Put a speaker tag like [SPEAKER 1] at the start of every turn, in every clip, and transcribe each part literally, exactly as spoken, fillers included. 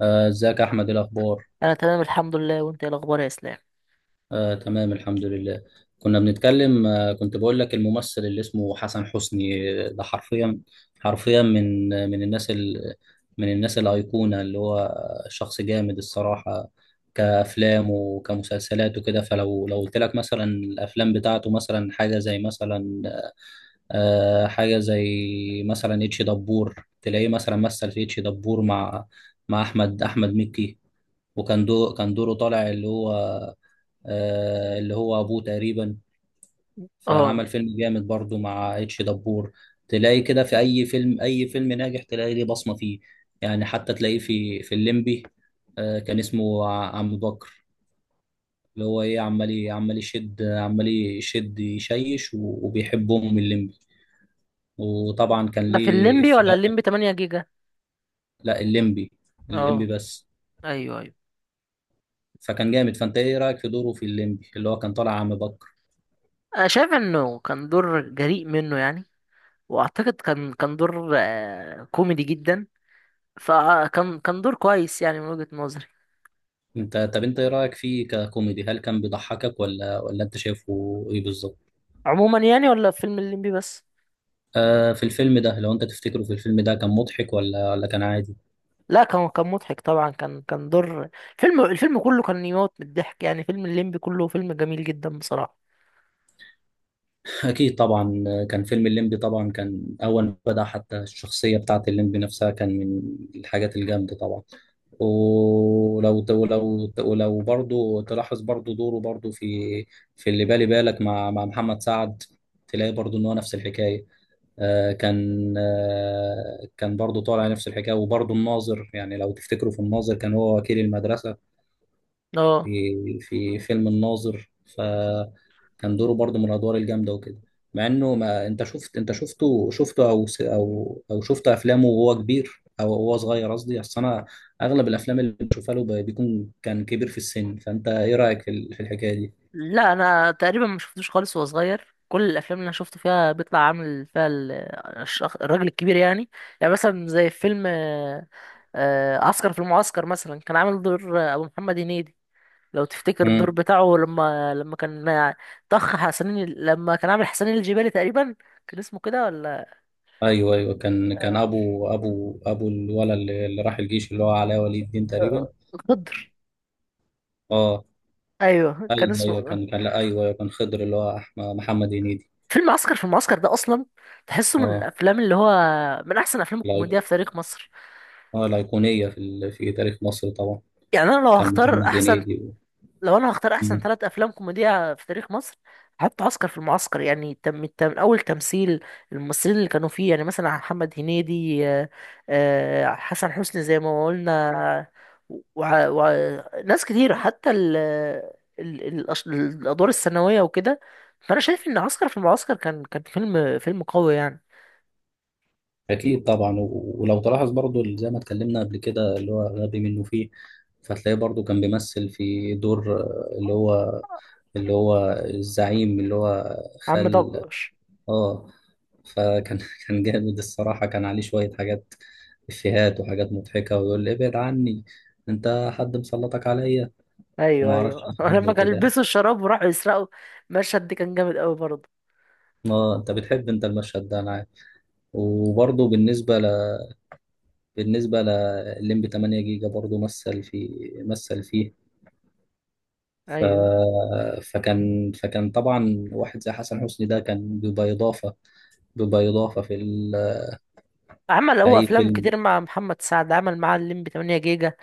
[SPEAKER 1] آه، ازيك يا احمد؟ إيه الاخبار؟
[SPEAKER 2] انا تمام الحمد لله، وانت ايه الاخبار يا اسلام؟
[SPEAKER 1] آه، تمام، الحمد لله. كنا بنتكلم، آه، كنت بقول لك الممثل اللي اسمه حسن حسني، آه، ده حرفيا حرفيا من آه، من الناس ال من الناس الايقونه، اللي هو شخص جامد الصراحه، كافلام وكمسلسلات وكده. فلو لو قلت لك مثلا الافلام بتاعته، مثلا حاجه زي مثلا آه، حاجه زي مثلا اتش دبور، تلاقيه مثلا مثل في اتش دبور مع مع احمد احمد مكي، وكان دور كان دوره طالع، اللي هو آه اللي هو ابوه تقريبا، فعمل
[SPEAKER 2] اه،
[SPEAKER 1] فيلم جامد برضو مع اتش دبور. تلاقي كده في اي فيلم، اي فيلم ناجح تلاقي ليه بصمة فيه. يعني حتى تلاقيه في في الليمبي، آه كان اسمه ع- عم بكر، اللي هو ايه، عمال ي- عمال يشد عمال يشد يشيش، و- وبيحب ام الليمبي، وطبعا كان
[SPEAKER 2] ده في
[SPEAKER 1] ليه
[SPEAKER 2] الليمبي ولا
[SPEAKER 1] افيهات.
[SPEAKER 2] الليمبي تمانية جيجا؟
[SPEAKER 1] لا، الليمبي. الليمبي
[SPEAKER 2] اه،
[SPEAKER 1] بس.
[SPEAKER 2] ايوه، ايوه.
[SPEAKER 1] فكان جامد. فانت ايه رايك في دوره في الليمبي، اللي هو كان طالع عم بكر؟
[SPEAKER 2] انا شايف انه كان دور جريء منه، يعني. واعتقد كان كان دور آه، كوميدي جدا. فكان كان دور كويس، يعني، من وجهة نظري.
[SPEAKER 1] انت طب انت ايه رايك فيه ككوميدي؟ هل كان بيضحكك ولا ولا انت شايفه ايه بالظبط؟
[SPEAKER 2] عموما، يعني، ولا في فيلم الليمبي بس.
[SPEAKER 1] آه في الفيلم ده، لو انت تفتكره، في الفيلم ده كان مضحك ولا ولا كان عادي؟
[SPEAKER 2] لا، كان كان مضحك طبعا، كان كان دور. فيلم الفيلم كله كان يموت من الضحك، يعني فيلم الليمبي كله فيلم جميل جدا بصراحة.
[SPEAKER 1] اكيد طبعا. آه، كان فيلم الليمبي طبعا، كان اول ما بدا، حتى الشخصيه بتاعه الليمبي نفسها كان من الحاجات الجامده طبعا. ولو ولو ولو برضه تلاحظ برضه دوره برضه في في اللي بالي بالك مع مع محمد سعد، تلاقي برضه ان هو نفس الحكايه. آه، كان آه، كان برضه طالع نفس الحكايه. وبرضه الناظر، يعني لو تفتكروا في الناظر، كان هو وكيل المدرسه
[SPEAKER 2] اه.
[SPEAKER 1] في في فيلم الناظر. فكان دوره برضه من الادوار الجامده وكده، مع انه ما انت شفت، انت شفته شفته، او س- او او شفت افلامه وهو كبير او هو صغير؟ قصدي، اصل انا اغلب الافلام اللي بشوفها له ب- بيكون كان كبير في السن. فانت ايه رايك في ال- في الحكايه دي؟
[SPEAKER 2] لا، انا تقريبا ما شفتوش خالص وهو صغير. كل الافلام اللي انا شفته فيها بيطلع عامل فيها ال- الشخ- الراجل الكبير، يعني. يعني مثلا زي فيلم آه، آه، عسكر في المعسكر، مثلا، كان عامل دور آه، ابو محمد هنيدي. لو تفتكر الدور
[SPEAKER 1] امم.
[SPEAKER 2] بتاعه، لما لما كان آه، طخ حسنين ال- لما كان عامل حسنين الجبالي تقريبا. كان اسمه كده، ولا
[SPEAKER 1] ايوه، ايوه، كان كان
[SPEAKER 2] آه،
[SPEAKER 1] ابو ابو ابو الولد اللي اللي راح الجيش، اللي هو علاء ولي الدين تقريبا.
[SPEAKER 2] غدر
[SPEAKER 1] اه.
[SPEAKER 2] ايوه، كان
[SPEAKER 1] ايوه، ايوه،
[SPEAKER 2] اسمه.
[SPEAKER 1] كان كان لا، ايوه، أيوة، كان خضر اللي هو أحمد محمد هنيدي.
[SPEAKER 2] فيلم عسكر في المعسكر ده، اصلا، تحسه من
[SPEAKER 1] اه.
[SPEAKER 2] الافلام اللي هو من احسن افلام
[SPEAKER 1] الأيق-
[SPEAKER 2] الكوميديا في تاريخ مصر.
[SPEAKER 1] اه الايقونيه في ال... في تاريخ مصر طبعا.
[SPEAKER 2] يعني انا لو
[SPEAKER 1] كان
[SPEAKER 2] هختار
[SPEAKER 1] محمد
[SPEAKER 2] احسن،
[SPEAKER 1] هنيدي و.
[SPEAKER 2] لو انا هختار احسن
[SPEAKER 1] مم.
[SPEAKER 2] ثلاث افلام كوميديا في تاريخ مصر. حتى عسكر في المعسكر، يعني، تم تم اول تمثيل. الممثلين اللي كانوا فيه، يعني مثلا محمد هنيدي، آه، آه، حسن حسني زي ما قلنا، وناس كتير، حتى ال ال- ال- الأش- الادوار الثانويه وكده. فانا شايف ان عسكر في المعسكر كان كان فيلم فيلم قوي، يعني.
[SPEAKER 1] اكيد طبعا. و... ولو تلاحظ برضو، اللي زي ما اتكلمنا قبل كده، اللي هو غبي منه فيه، فتلاقيه برضو كان بيمثل في دور، آه، اللي هو اللي هو الزعيم، اللي هو
[SPEAKER 2] عم
[SPEAKER 1] خال.
[SPEAKER 2] دبش.
[SPEAKER 1] اه. فكان كان جامد الصراحة، كان عليه شوية حاجات، إفيهات وحاجات مضحكة، ويقول لي ابعد عني، أنت حد مسلطك عليا،
[SPEAKER 2] ايوه،
[SPEAKER 1] وما أعرفش
[SPEAKER 2] ايوه،
[SPEAKER 1] حاجات
[SPEAKER 2] لما
[SPEAKER 1] زي
[SPEAKER 2] كان
[SPEAKER 1] كده.
[SPEAKER 2] يلبسوا الشراب وراحوا يسرقوا. المشهد ده كان جامد قوي برضه.
[SPEAKER 1] ما أنت بتحب أنت المشهد ده، أنا عارف. وبرضه بالنسبة ل... بالنسبة لليمبي ثمانية جيجا برضه مثل في مثل فيه. ف...
[SPEAKER 2] ايوه.
[SPEAKER 1] فكان فكان طبعا واحد زي حسن حسني ده كان بيبقى إضافة، بيبقى إضافة في ال...
[SPEAKER 2] عمل
[SPEAKER 1] في
[SPEAKER 2] هو
[SPEAKER 1] أي
[SPEAKER 2] افلام
[SPEAKER 1] فيلم؟
[SPEAKER 2] كتير مع محمد سعد، عمل معاه الليمبي تمانية جيجا،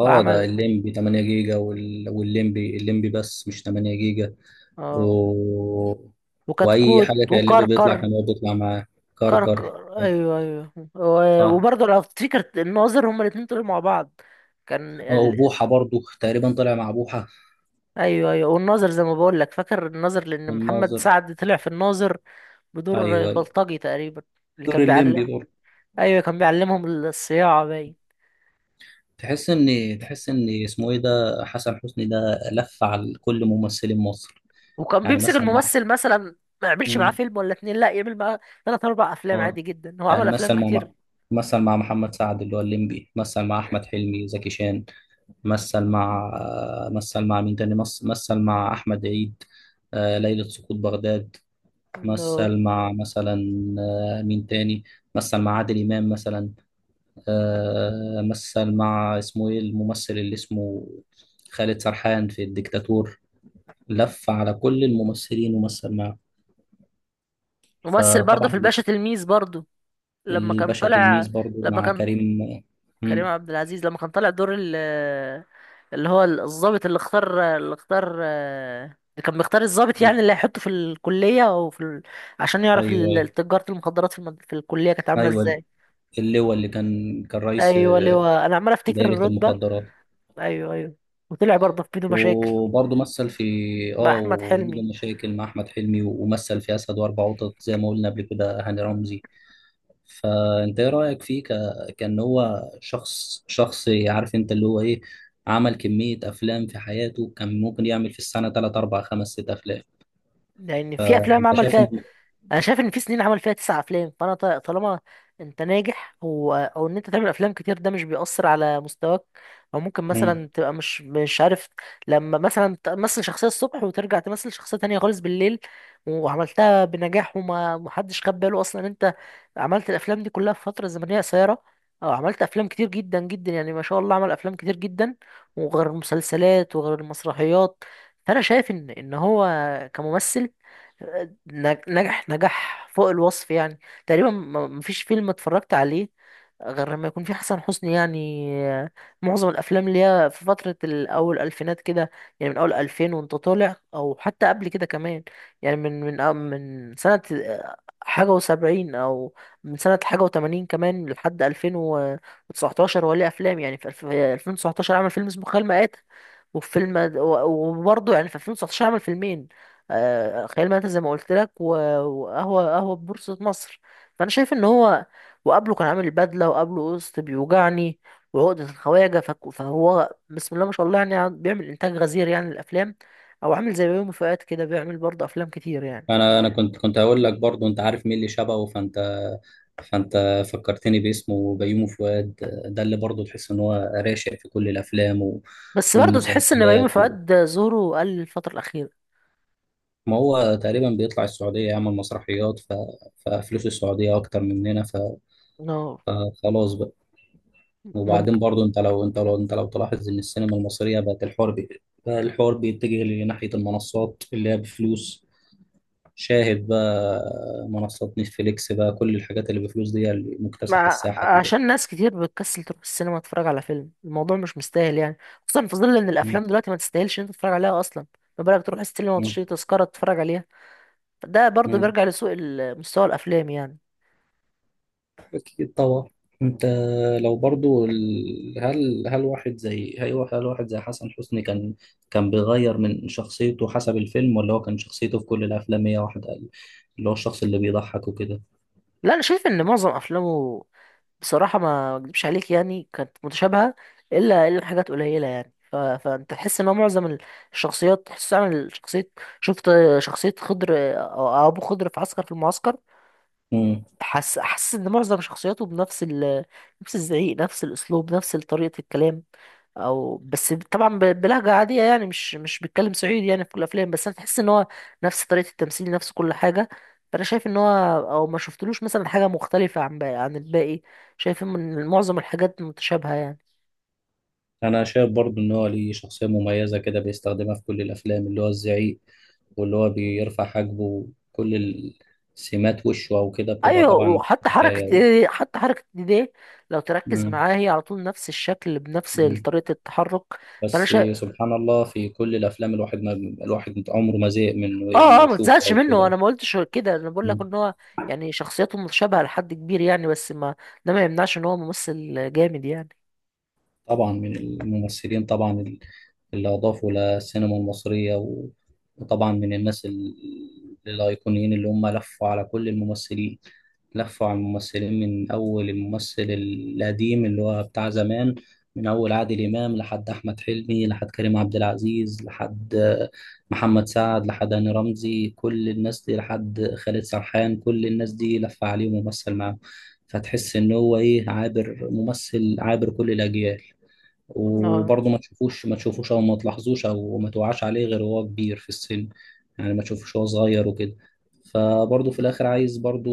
[SPEAKER 1] اه، ده
[SPEAKER 2] وعمل،
[SPEAKER 1] الليمبي ثمانية جيجا، وال... والليمبي الليمبي بس مش ثمانية جيجا. و...
[SPEAKER 2] اه
[SPEAKER 1] واي
[SPEAKER 2] وكتكوت فظيع،
[SPEAKER 1] حاجه كان الليمبي بيطلع
[SPEAKER 2] وكركر.
[SPEAKER 1] كان هو بيطلع معاه. كركر.
[SPEAKER 2] كركر، ايوه، ايوه، و-
[SPEAKER 1] صح.
[SPEAKER 2] وبرضه لو تفتكر الناظر، هما الاتنين طلعوا مع بعض. كان
[SPEAKER 1] اه
[SPEAKER 2] ال...
[SPEAKER 1] وبوحه برضو تقريبا طلع مع بوحه.
[SPEAKER 2] ايوه ايوه. والناظر، زي ما بقول لك، فاكر الناظر؟ لان محمد
[SPEAKER 1] والناظر.
[SPEAKER 2] سعد طلع في الناظر
[SPEAKER 1] ايوه،
[SPEAKER 2] بدور
[SPEAKER 1] ايوه،
[SPEAKER 2] البلطجي تقريبا، اللي
[SPEAKER 1] دور
[SPEAKER 2] كان بيعلم.
[SPEAKER 1] الليمبي برضو.
[SPEAKER 2] ايوه، كان بيعلمهم الصياعه، باين.
[SPEAKER 1] تحس ان تحس ان اسمه ايه ده، حسن حسني ده لف على كل ممثلين مصر.
[SPEAKER 2] وكان
[SPEAKER 1] يعني
[SPEAKER 2] بيمسك
[SPEAKER 1] مثلا مع،
[SPEAKER 2] الممثل مثلا، ما يعملش معاه
[SPEAKER 1] مم.
[SPEAKER 2] فيلم ولا اتنين، لا، يعمل معاه تلات اربع افلام
[SPEAKER 1] اه
[SPEAKER 2] عادي جدا. هو عمل
[SPEAKER 1] يعني
[SPEAKER 2] افلام
[SPEAKER 1] مثل مع مثل مع محمد سعد اللي هو الليمبي، مثل مع احمد حلمي، زكي شان، مثل مع مثل مع مين تاني، مثل مثل مع احمد عيد، آه، ليلة سقوط بغداد.
[SPEAKER 2] كتير.
[SPEAKER 1] مثل مع مثلا، آه، مين تاني. مثل مع عادل إمام مثلا، آه، مثل مع اسمه ايه الممثل اللي اسمه خالد سرحان في الديكتاتور. لف على كل الممثلين ومثل معاه.
[SPEAKER 2] ممثل برضه
[SPEAKER 1] فطبعا
[SPEAKER 2] في الباشا تلميذ، برضه لما كان
[SPEAKER 1] الباشا
[SPEAKER 2] طالع،
[SPEAKER 1] تلميذ برضو
[SPEAKER 2] لما
[SPEAKER 1] مع
[SPEAKER 2] كان
[SPEAKER 1] كريم.
[SPEAKER 2] كريم
[SPEAKER 1] مم.
[SPEAKER 2] عبد العزيز لما كان طالع دور ال اللي هو الضابط، اللي اختار اللي اختار اللي كان بيختار الضابط، يعني،
[SPEAKER 1] مم.
[SPEAKER 2] اللي هيحطه في الكلية او في ال... عشان يعرف
[SPEAKER 1] ايوه، ايوه،
[SPEAKER 2] ال- تجارة المخدرات في المد... في الكلية كانت عاملة
[SPEAKER 1] ايوه،
[SPEAKER 2] ازاي.
[SPEAKER 1] اللي هو اللي كان كان رئيس،
[SPEAKER 2] ايوه،
[SPEAKER 1] آه،
[SPEAKER 2] لواء، انا عمال افتكر
[SPEAKER 1] دايرة
[SPEAKER 2] الرتبة.
[SPEAKER 1] المخدرات.
[SPEAKER 2] ايوه، ايوه. وطلع برضه في بينه مشاكل
[SPEAKER 1] وبرضه مثل في،
[SPEAKER 2] مع
[SPEAKER 1] اه
[SPEAKER 2] احمد
[SPEAKER 1] وجود
[SPEAKER 2] حلمي.
[SPEAKER 1] المشاكل مع احمد حلمي، ومثل في اسد واربع قطط زي ما قلنا قبل كده، هاني رمزي. فانت ايه رايك فيه ك... كان هو شخص شخص عارف انت اللي هو ايه، عمل كميه افلام في حياته، كان ممكن يعمل في السنه تلات اربعة خمس ست افلام.
[SPEAKER 2] لان في افلام
[SPEAKER 1] انت
[SPEAKER 2] عمل فيها،
[SPEAKER 1] شايفه؟
[SPEAKER 2] انا شايف ان في سنين عمل فيها تسع افلام. فانا ط- طالما انت ناجح، و... او ان انت تعمل افلام كتير، ده مش بيأثر على مستواك. او ممكن،
[SPEAKER 1] مم.
[SPEAKER 2] مثلا، تبقى مش مش عارف. لما مثلا تمثل شخصية الصبح وترجع تمثل شخصية تانية خالص بالليل، وعملتها بنجاح، وما محدش خد باله اصلا إن انت عملت الافلام دي كلها في فترة زمنية قصيرة، او عملت افلام كتير جدا جدا، يعني ما شاء الله، عمل افلام كتير جدا، وغير المسلسلات وغير المسرحيات. فانا شايف ان ان هو كممثل نج- نجح نجح فوق الوصف، يعني. تقريبا ما- مفيش فيلم اتفرجت عليه غير لما يكون في حسن حسني، يعني آه، معظم الافلام اللي هي في فتره الاول الفينات كده، يعني من اول ألفين وانت طالع او حتى قبل كده كمان. يعني من من آه، من سنه آه، حاجه و70، او من سنه حاجه و80 كمان لحد ألفين وتسعتاشر وليه افلام. يعني في الف- آه، ألفين وتسعتاشر عمل فيلم اسمه خيال مآتة وفيلم، و- وبرضه يعني في ألفين وتسعتاشر عمل فيلمين. آه، خيال مآتة زي ما قلت لك، و- وقهوه قهوه بورصه مصر. فانا شايف ان هو، وقبله كان عامل بدلة، وقبله قسط بيوجعني وعقدة الخواجة. فك- فهو بسم الله ما شاء الله، يعني، عم- بيعمل إنتاج غزير يعني للأفلام، أو عامل زي بيومي فؤاد كده، بيعمل برضه أفلام كتير، يعني.
[SPEAKER 1] انا انا كنت كنت هقول لك برضه، انت عارف مين اللي شبهه؟ فانت فانت فكرتني باسمه، بيومي فؤاد. ده اللي برضه تحس ان هو راشق في كل الافلام و...
[SPEAKER 2] بس برضه تحس إن بيومي
[SPEAKER 1] والمسلسلات.
[SPEAKER 2] فؤاد ظهوره قل الفترة الأخيرة.
[SPEAKER 1] ما هو تقريبا بيطلع السعودية يعمل مسرحيات ف. ففلوس السعودية أكتر مننا ف.
[SPEAKER 2] اه،
[SPEAKER 1] فخلاص بقى. وبعدين
[SPEAKER 2] ممكن.
[SPEAKER 1] برضو، أنت لو أنت لو أنت لو تلاحظ إن السينما المصرية بقت الحوار بي... بقى الحوار بيتجه لناحية المنصات اللي هي بفلوس شاهد بقى منصات نتفليكس بقى كل الحاجات اللي بفلوس دي هي اللي مكتسحة
[SPEAKER 2] مع
[SPEAKER 1] الساحة دلوقتي
[SPEAKER 2] عشان ناس كتير بتكسل تروح السينما تتفرج على فيلم، الموضوع مش مستاهل، يعني. خصوصا في ظل إن
[SPEAKER 1] م-
[SPEAKER 2] الأفلام دلوقتي ما تستاهلش إن أنت تتفرج عليها أصلا، ما بالك تروح السينما وتشتري تذكرة تتفرج عليها. فده برضه
[SPEAKER 1] م-
[SPEAKER 2] بيرجع لسوء ال- مستوى الأفلام، يعني.
[SPEAKER 1] أكيد طبعا أنت، لو برضو ال... هل هل واحد زي هل هل واحد زي حسن حسني كان كان بيغير من شخصيته حسب الفيلم، ولا هو كان شخصيته في كل الأفلام هي واحدة، اللي هو الشخص اللي بيضحك وكده؟
[SPEAKER 2] لا، انا شايف ان معظم افلامه، بصراحه ما اكدبش عليك، يعني كانت متشابهه، الا الا حاجات قليله، يعني. ف... فانت تحس ان هو معظم ال- الشخصيات تحس عامل شخصيه. شفت شخصيه خضر، او ابو خضر، في عسكر في المعسكر.
[SPEAKER 1] امم.
[SPEAKER 2] حس حس ان معظم شخصياته بنفس ال... نفس الزعيق، نفس الاسلوب، نفس طريقه الكلام، او بس طبعا ب- بلهجه عاديه، يعني، مش مش بيتكلم صعيدي يعني في كل الافلام، بس انا تحس ان هو نفس طريقه التمثيل، نفس كل حاجه. فانا شايف ان هو، او ما شفتلوش مثلا حاجه مختلفه عن باقي عن الباقي شايف ان معظم الحاجات متشابهه، يعني.
[SPEAKER 1] أنا شايف برضو إن هو ليه شخصية مميزة كده بيستخدمها في كل الأفلام، اللي هو الزعيق، واللي هو بيرفع حاجبه، كل السمات وشه أو كده بتبقى
[SPEAKER 2] ايوه،
[SPEAKER 1] طبعا.
[SPEAKER 2] وحتى حركه
[SPEAKER 1] حكاية.
[SPEAKER 2] ايه حتى حركه ايديه، لو تركز
[SPEAKER 1] مم.
[SPEAKER 2] معاه، هي على طول نفس الشكل بنفس
[SPEAKER 1] مم.
[SPEAKER 2] طريقه التحرك. فانا
[SPEAKER 1] بس
[SPEAKER 2] شايف،
[SPEAKER 1] سبحان الله، في كل الافلام الواحد ما الواحد عمره ما زهق من
[SPEAKER 2] اه،
[SPEAKER 1] انه
[SPEAKER 2] اه، ما
[SPEAKER 1] يشوفه
[SPEAKER 2] تزهقش
[SPEAKER 1] او
[SPEAKER 2] منه. انا
[SPEAKER 1] كده.
[SPEAKER 2] ما قلتش كده. انا بقول لك ان هو، يعني، شخصيته متشابهه لحد كبير، يعني، بس ما، ده ما يمنعش ان هو ممثل جامد، يعني.
[SPEAKER 1] طبعا من الممثلين طبعا، ال- اللي أضافوا للسينما المصرية، و- وطبعا من الناس، ال- الأيقونيين اللي هم لفوا على كل الممثلين، لفوا على الممثلين من أول الممثل القديم اللي هو بتاع زمان، من أول عادل إمام لحد أحمد حلمي لحد كريم عبد العزيز لحد، آه، محمد سعد لحد هاني رمزي، كل الناس دي لحد خالد سرحان، كل الناس دي لف عليه وممثل معاهم. فتحس إن هو إيه، عابر ممثل عابر كل الأجيال.
[SPEAKER 2] آه.
[SPEAKER 1] وبرضه ما تشوفوش ما تشوفوش او ما تلاحظوش او ما توعاش عليه غير وهو كبير في السن. يعني ما تشوفوش وهو صغير وكده. فبرضه في الاخر، عايز برضه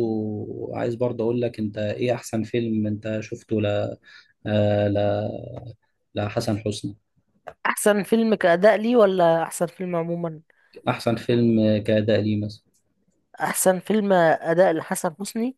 [SPEAKER 1] عايز برضه اقول لك، انت ايه احسن فيلم انت شفته ل آه، ل لحسن حسني؟
[SPEAKER 2] احسن فيلم كأداء ليه ولا احسن فيلم عموما؟
[SPEAKER 1] احسن فيلم كأداء ليه مثلا.
[SPEAKER 2] احسن فيلم أداء لحسن حسني.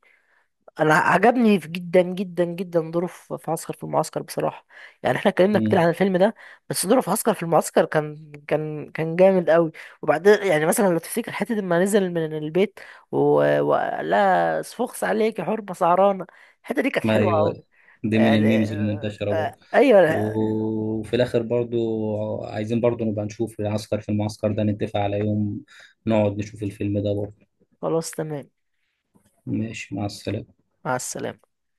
[SPEAKER 2] انا عجبني في- جدا جدا جدا دوره في في عسكر في المعسكر، بصراحة. يعني احنا اتكلمنا كتير
[SPEAKER 1] مم.
[SPEAKER 2] عن الفيلم ده، بس دوره في عسكر في المعسكر كان كان كان جامد قوي. وبعدين يعني، مثلا، لو تفتكر حتة لما نزل من البيت و... وقال لها: صفوخس عليك يا حرمة سعرانة. الحتة دي كانت حلوة
[SPEAKER 1] ايوه.
[SPEAKER 2] قوي،
[SPEAKER 1] دي من
[SPEAKER 2] يعني.
[SPEAKER 1] الميمز
[SPEAKER 2] آه،
[SPEAKER 1] المنتشرة برضه.
[SPEAKER 2] آه، ايوه
[SPEAKER 1] وفي الاخر برضو، عايزين برضو نبقى نشوف العسكر في المعسكر ده، نتفق على يوم نقعد نشوف الفيلم ده برضو.
[SPEAKER 2] خلاص، تمام.
[SPEAKER 1] ماشي، مع السلامة.
[SPEAKER 2] مع السلامة.